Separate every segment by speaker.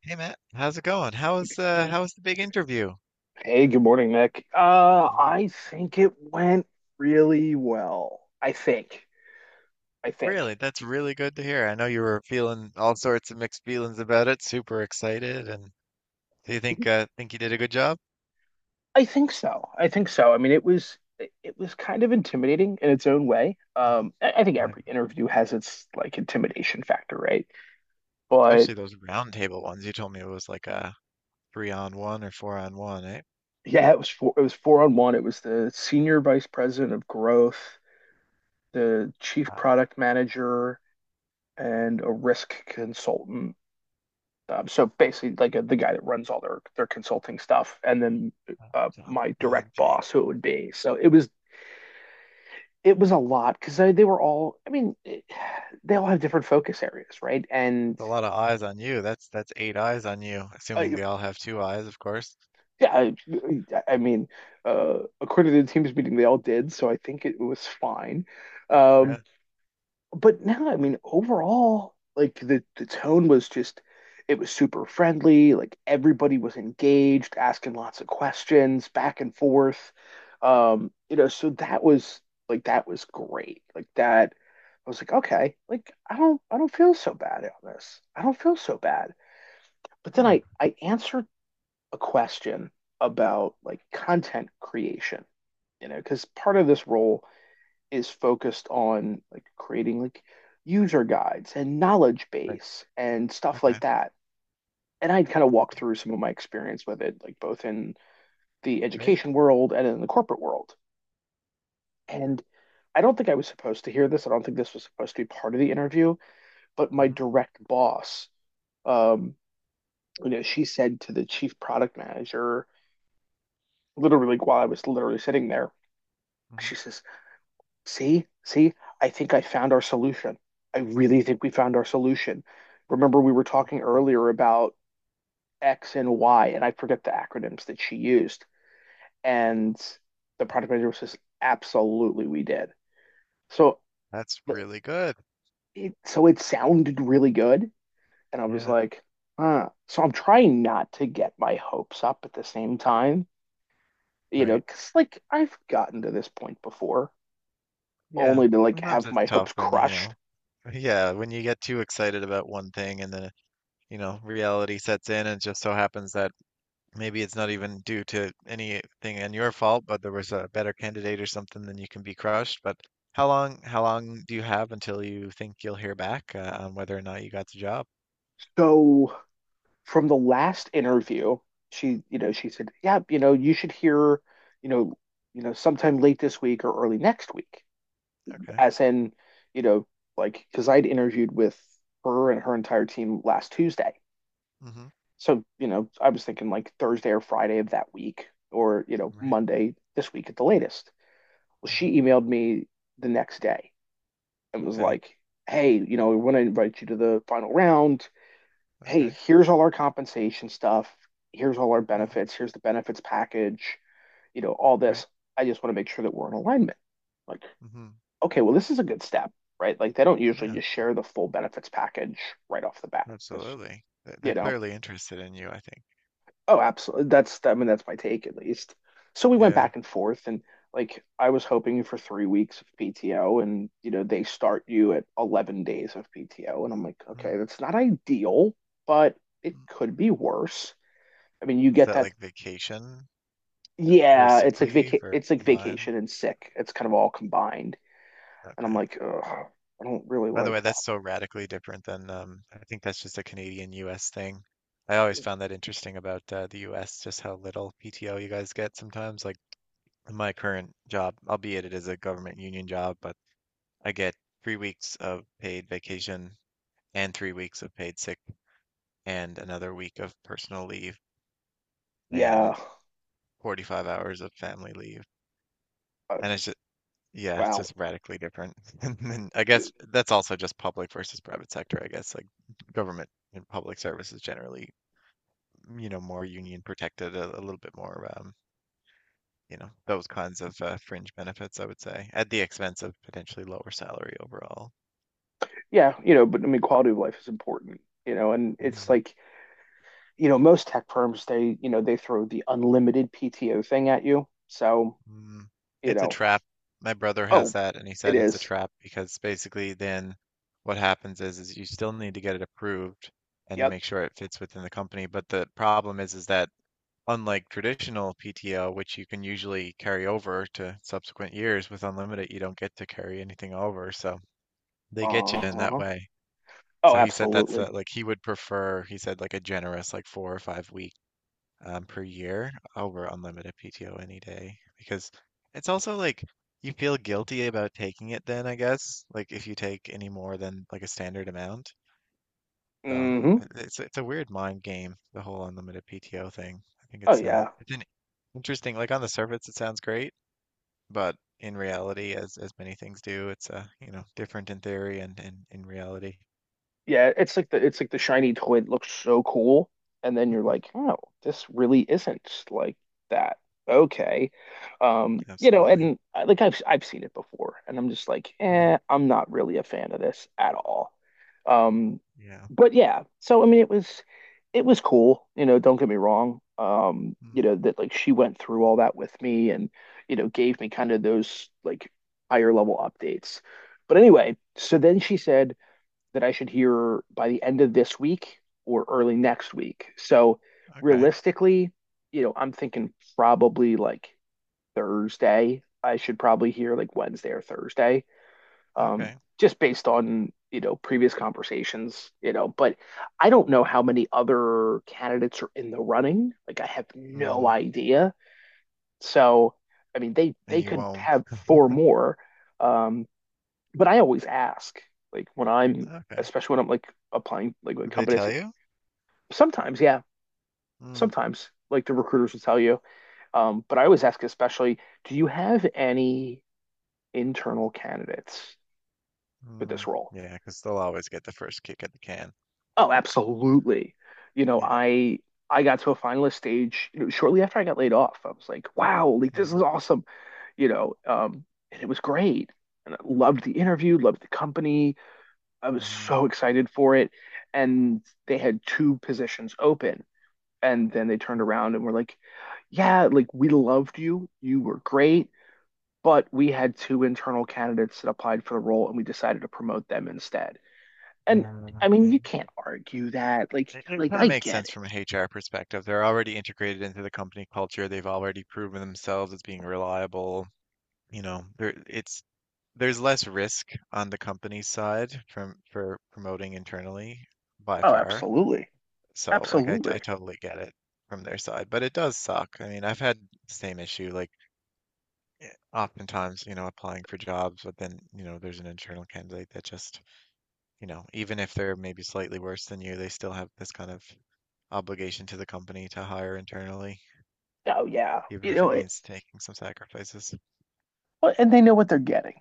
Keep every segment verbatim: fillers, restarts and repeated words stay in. Speaker 1: Hey Matt, how's it going? How's uh Hey. How was the big interview?
Speaker 2: Hey, good morning, Nick. Uh,
Speaker 1: Hey.
Speaker 2: I think it went really well. I think. I
Speaker 1: Really,
Speaker 2: think.
Speaker 1: that's really good to hear. I know you were feeling all sorts of mixed feelings about it, super excited, and do you think uh think you did a good job?
Speaker 2: I think so. I think so. I mean, it was it was kind of intimidating in its own way.
Speaker 1: Hmm.
Speaker 2: Um, I, I think
Speaker 1: I,
Speaker 2: every interview has its like intimidation factor, right? But
Speaker 1: especially those round table ones. You told me it was like a three on one or four on one, eh?
Speaker 2: yeah, it was four, it was four on one. It was the senior vice president of growth, the chief
Speaker 1: Wow,
Speaker 2: product manager, and a risk consultant. Um, so basically, like uh, the guy that runs all their their consulting stuff, and then
Speaker 1: that
Speaker 2: uh,
Speaker 1: sounds
Speaker 2: my direct
Speaker 1: daunting.
Speaker 2: boss, who it would be. So it was it was a lot because they, they were all. I mean, it, they all have different focus areas, right?
Speaker 1: With
Speaker 2: And
Speaker 1: a lot of eyes on you. That's that's eight eyes on you,
Speaker 2: uh,
Speaker 1: assuming they all have two eyes, of course.
Speaker 2: yeah, I, I mean, uh, according to the Teams meeting, they all did, so I think it was fine. Um,
Speaker 1: Yeah.
Speaker 2: but now, I mean, overall, like the the tone was just it was super friendly. Like everybody was engaged, asking lots of questions, back and forth. Um, you know, so that was like that was great. Like that, I was like, okay, like I don't I don't feel so bad on this. I don't feel so bad. But then
Speaker 1: Yeah.
Speaker 2: I I answered a question about like content creation, you know, because part of this role is focused on like creating like user guides and knowledge
Speaker 1: Right.
Speaker 2: base and stuff
Speaker 1: Okay.
Speaker 2: like that. And I'd kind of walk
Speaker 1: Yeah.
Speaker 2: through some of my experience with it, like both in the
Speaker 1: Right.
Speaker 2: education world and in the corporate world. And I don't think I was supposed to hear this. I don't think this was supposed to be part of the interview, but my
Speaker 1: Mm-hmm.
Speaker 2: direct boss, um, you know, she said to the chief product manager, literally like, while I was literally sitting there,
Speaker 1: Mm-hmm.
Speaker 2: she says, "See, see, I think I found our solution. I really think we found our solution. Remember, we were talking
Speaker 1: Mm.
Speaker 2: earlier about X and Y," and I forget the acronyms that she used. And the product manager says, absolutely, we did. So
Speaker 1: That's really good.
Speaker 2: it, so it sounded really good. And I was
Speaker 1: Yeah,
Speaker 2: like, huh. So I'm trying not to get my hopes up at the same time, you know,
Speaker 1: right.
Speaker 2: because like I've gotten to this point before,
Speaker 1: Yeah.
Speaker 2: only to like
Speaker 1: Sometimes
Speaker 2: have
Speaker 1: it's
Speaker 2: my
Speaker 1: tough
Speaker 2: hopes
Speaker 1: when you
Speaker 2: crushed.
Speaker 1: know, yeah, when you get too excited about one thing and then, you know, reality sets in and it just so happens that maybe it's not even due to anything on your fault, but there was a better candidate or something, then you can be crushed. But how long, how long do you have until you think you'll hear back uh, on whether or not you got the job?
Speaker 2: So from the last interview, she, you know, she said, "Yeah, you know, you should hear, you know, you know, sometime late this week or early next week."
Speaker 1: Okay.
Speaker 2: As in, you know, like because I'd interviewed with her and her entire team last Tuesday,
Speaker 1: Mm-hmm.
Speaker 2: so you know, I was thinking like Thursday or Friday of that week, or you know,
Speaker 1: Right.
Speaker 2: Monday this week at the latest. Well,
Speaker 1: Mm-hmm.
Speaker 2: she emailed me the next day and was
Speaker 1: Okay.
Speaker 2: like, "Hey, you know, we want to invite you to the final round. Hey,
Speaker 1: Okay.
Speaker 2: here's all our compensation stuff. Here's all our
Speaker 1: Mm-hmm.
Speaker 2: benefits. Here's the benefits package, you know, all
Speaker 1: Right.
Speaker 2: this. I just want to make sure that we're in alignment." Like,
Speaker 1: Mm-hmm.
Speaker 2: okay, well, this is a good step, right? Like, they don't usually
Speaker 1: Yeah,
Speaker 2: just share the full benefits package right off the bat. That's,
Speaker 1: absolutely. They're they're
Speaker 2: you know,
Speaker 1: clearly interested in you, I think.
Speaker 2: oh, absolutely. That's, I mean, that's my take at least. So we went
Speaker 1: Yeah.
Speaker 2: back and forth and like I was hoping for three weeks of P T O and, you know, they start you at eleven days of P T O. And I'm like, okay,
Speaker 1: Hmm.
Speaker 2: that's not ideal, but it
Speaker 1: Mm.
Speaker 2: could be worse. I mean, you
Speaker 1: Is
Speaker 2: get
Speaker 1: that
Speaker 2: that.
Speaker 1: like vacation or
Speaker 2: Yeah, it's
Speaker 1: sick
Speaker 2: like vaca-
Speaker 1: leave or
Speaker 2: it's like
Speaker 1: combined?
Speaker 2: vacation and sick. It's kind of all combined, and I'm
Speaker 1: Okay.
Speaker 2: like, ugh, I don't really
Speaker 1: By the way,
Speaker 2: like that.
Speaker 1: that's so radically different than um, I think that's just a Canadian U S thing. I always found that interesting about uh, the U S, just how little P T O you guys get sometimes. Like in my current job, albeit it is a government union job, but I get three weeks of paid vacation and three weeks of paid sick and another week of personal leave and
Speaker 2: Yeah,
Speaker 1: forty-five hours of family leave.
Speaker 2: uh,
Speaker 1: And it's yeah, it's
Speaker 2: wow.
Speaker 1: just radically different. And then I guess that's also just public versus private sector, I guess. Like government and public service is generally, mm, you know, more union protected, a, a little bit more, um, you know, those kinds of uh, fringe benefits, I would say, at the expense of potentially lower salary overall.
Speaker 2: Yeah, you know, but I mean, quality of life is important, you know, and it's
Speaker 1: Mhm.
Speaker 2: like, you know, most tech firms they, you know, they throw the unlimited P T O thing at you. So,
Speaker 1: Mm.
Speaker 2: you
Speaker 1: It's a
Speaker 2: know,
Speaker 1: trap. My brother has
Speaker 2: oh,
Speaker 1: that, and he
Speaker 2: it
Speaker 1: said it's a
Speaker 2: is.
Speaker 1: trap because basically then what happens is is you still need to get it approved and to
Speaker 2: Yep.
Speaker 1: make sure it fits within the company. But the problem is is that unlike traditional P T O, which you can usually carry over to subsequent years, with unlimited, you don't get to carry anything over. So they get you in that
Speaker 2: Uh-huh.
Speaker 1: way.
Speaker 2: Oh,
Speaker 1: So he said that's
Speaker 2: absolutely.
Speaker 1: uh like he would prefer, he said like a generous like four or five week um, per year over unlimited P T O any day because it's also like you feel guilty about taking it then, I guess, like if you take any more than like a standard amount. So
Speaker 2: Hmm.
Speaker 1: it- it's it's a weird mind game, the whole unlimited P T O thing. I think
Speaker 2: Oh
Speaker 1: it's uh
Speaker 2: yeah.
Speaker 1: it's interesting. Like on the surface, it sounds great, but in reality, as as many things do, it's uh, you know, different in theory and in in reality.
Speaker 2: Yeah, it's like the it's like the shiny toy that looks so cool, and then you're like, oh, this really isn't like that. Okay, um, you know,
Speaker 1: Absolutely.
Speaker 2: and I- like I've I've seen it before, and I'm just like,
Speaker 1: Mm,
Speaker 2: eh, I'm not really a fan of this at all. Um,
Speaker 1: yeah.
Speaker 2: but yeah, so I mean, it was it was cool, you know, don't get me wrong. Um, you
Speaker 1: Mm,
Speaker 2: know, that like she went through all that with me and, you know, gave me kind of those like higher level updates. But anyway, so then she said that I should hear by the end of this week or early next week. So
Speaker 1: okay.
Speaker 2: realistically, you know, I'm thinking probably like Thursday. I should probably hear like Wednesday or Thursday, um,
Speaker 1: Okay.
Speaker 2: just based on, you know, previous conversations, you know. But I don't know how many other candidates are in the running. Like I have no
Speaker 1: Mm,
Speaker 2: idea. So, I mean, they
Speaker 1: and
Speaker 2: they
Speaker 1: you
Speaker 2: could
Speaker 1: won't.
Speaker 2: have four more. Um, but I always ask, like when I'm,
Speaker 1: Okay.
Speaker 2: especially when I'm like applying, like with
Speaker 1: Did they
Speaker 2: companies,
Speaker 1: tell you?
Speaker 2: sometimes, yeah,
Speaker 1: Mm,
Speaker 2: sometimes, like the recruiters will tell you. Um, but I always ask, especially, do you have any internal candidates for this
Speaker 1: mm,
Speaker 2: role?
Speaker 1: yeah, because they'll always get the first kick at the can.
Speaker 2: Oh, absolutely. You know,
Speaker 1: Yeah.
Speaker 2: I I got to a finalist stage, you know, shortly after I got laid off. I was like, wow, like this
Speaker 1: Mm,
Speaker 2: is awesome, you know, um, and it was great. And I loved the interview, loved the company, I was
Speaker 1: mm,
Speaker 2: so excited for it. And they had two positions open. And then they turned
Speaker 1: mm.
Speaker 2: around and were like, yeah, like we loved you. You were great. But we had two internal candidates that applied for the role and we decided to promote them instead. And
Speaker 1: Yeah.
Speaker 2: I mean,
Speaker 1: And
Speaker 2: you can't argue that. Like,
Speaker 1: it, it
Speaker 2: like
Speaker 1: kind
Speaker 2: I
Speaker 1: of makes
Speaker 2: get
Speaker 1: sense
Speaker 2: it.
Speaker 1: from an H R perspective. They're already integrated into the company culture. They've already proven themselves as being reliable. You know, there it's there's less risk on the company side from for promoting internally by
Speaker 2: Oh,
Speaker 1: far.
Speaker 2: absolutely.
Speaker 1: So like I I
Speaker 2: Absolutely.
Speaker 1: totally get it from their side, but it does suck. I mean, I've had the same issue like eh, oftentimes, you know, applying for jobs, but then, you know, there's an internal candidate that just, you know, even if they're maybe slightly worse than you, they still have this kind of obligation to the company to hire internally,
Speaker 2: Oh, yeah.
Speaker 1: even
Speaker 2: You
Speaker 1: if
Speaker 2: know,
Speaker 1: it
Speaker 2: it,
Speaker 1: means taking some sacrifices.
Speaker 2: well, and they know what they're getting.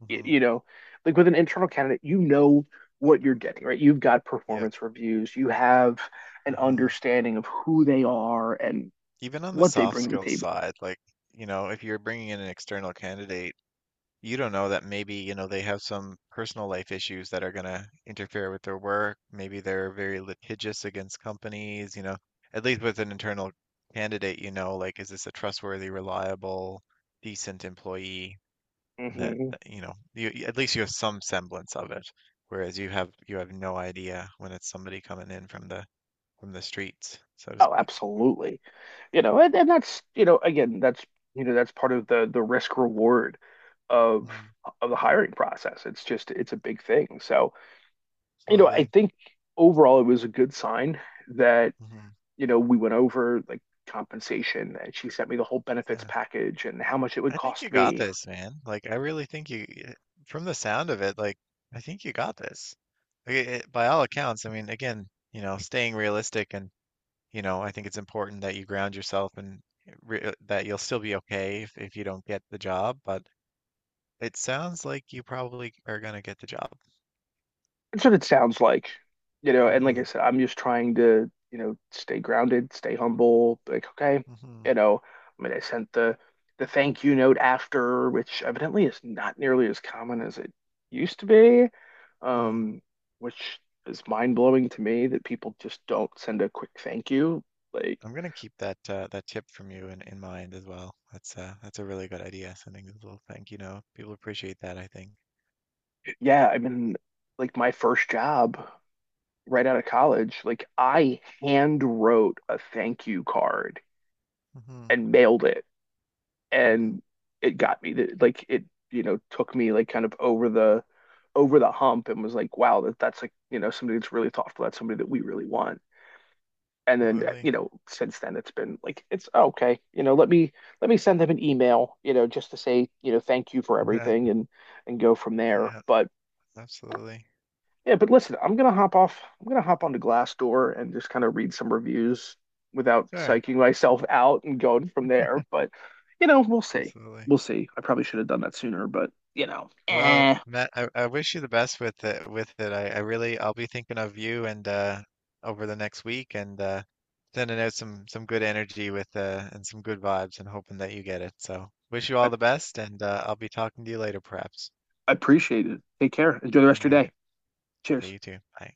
Speaker 1: Hmm.
Speaker 2: You know, like with an internal candidate, you know what you're getting, right? You've got
Speaker 1: Yep.
Speaker 2: performance reviews, you have an
Speaker 1: Hmm.
Speaker 2: understanding of who they are and
Speaker 1: Even on the
Speaker 2: what they
Speaker 1: soft
Speaker 2: bring to the
Speaker 1: skills
Speaker 2: table.
Speaker 1: side, like, you know, if you're bringing in an external candidate, you don't know that maybe, you know, they have some personal life issues that are going to interfere with their work. Maybe they're very litigious against companies, you know. At least with an internal candidate, you know, like, is this a trustworthy, reliable, decent employee that,
Speaker 2: Hmm.
Speaker 1: that, you know, you, you- at least you have some semblance of it. Whereas you have you have no idea when it's somebody coming in from the from the streets, so to
Speaker 2: Oh,
Speaker 1: speak.
Speaker 2: absolutely. You know, and, and that's, you know, again, that's, you know, that's part of the the risk reward of
Speaker 1: Mm,
Speaker 2: of the hiring process. It's just, it's a big thing. So, you know, I
Speaker 1: absolutely.
Speaker 2: think overall it was a good sign that
Speaker 1: Mhm.
Speaker 2: you know, we went over like compensation and she sent me the whole benefits
Speaker 1: Yeah.
Speaker 2: package and how much it would
Speaker 1: I think
Speaker 2: cost
Speaker 1: you got
Speaker 2: me.
Speaker 1: this, man. Like, I really think you, y- eh, from the sound of it, like, I think you got this. Like, it, it- by all accounts, I mean, again, you know, staying realistic and, you know, I think it's important that you ground yourself and eh, re eh, that you'll still be okay if, if you don't get the job, but it sounds like you probably are gonna get the job.
Speaker 2: That's what it sounds like, you know, and like I
Speaker 1: Hmm.
Speaker 2: said, I'm just trying to, you know, stay grounded, stay humble, like, okay,
Speaker 1: Hmm.
Speaker 2: you know, I mean, I sent the the thank you note after, which evidently is not nearly as common as it used to be,
Speaker 1: Hmm.
Speaker 2: um, which is mind blowing to me that people just don't send a quick thank you. Like,
Speaker 1: I'm gonna keep that uh, that tip from you in, in mind as well. That's uh, that's a really good idea, sending a little thank you note. People appreciate that, I think.
Speaker 2: yeah, I mean, like my first job, right out of college, like I hand wrote a thank you card
Speaker 1: Mm-hmm.
Speaker 2: and mailed it,
Speaker 1: Hmm.
Speaker 2: and it got me the, like it, you know, took me like kind of over the over the hump and was like, wow, that that's like, you know, somebody that's really thoughtful. That's somebody that we really want. And then, uh,
Speaker 1: Absolutely.
Speaker 2: you know, since then it's been like it's oh, okay, you know, let me let me send them an email, you know, just to say, you know, thank you for
Speaker 1: Yeah,
Speaker 2: everything and and go from there.
Speaker 1: yeah,
Speaker 2: But
Speaker 1: absolutely.
Speaker 2: yeah, but listen, I'm gonna hop off. I'm gonna hop onto Glassdoor and just kind of read some reviews without
Speaker 1: Sure,
Speaker 2: psyching myself out and going from there. But you know, we'll see.
Speaker 1: absolutely.
Speaker 2: We'll see. I probably should have done that sooner, but you know,
Speaker 1: Well,
Speaker 2: eh.
Speaker 1: Matt, I, I wish you the best with it with it. I, I really I'll be thinking of you and uh over the next week and uh sending out some some good energy with uh and some good vibes and hoping that you get it. So wish you
Speaker 2: I,
Speaker 1: all the best and uh I'll be talking to you later perhaps.
Speaker 2: I appreciate it. Take care. Enjoy the rest of
Speaker 1: All
Speaker 2: your day.
Speaker 1: right. Okay,
Speaker 2: Cheers.
Speaker 1: you too. Bye.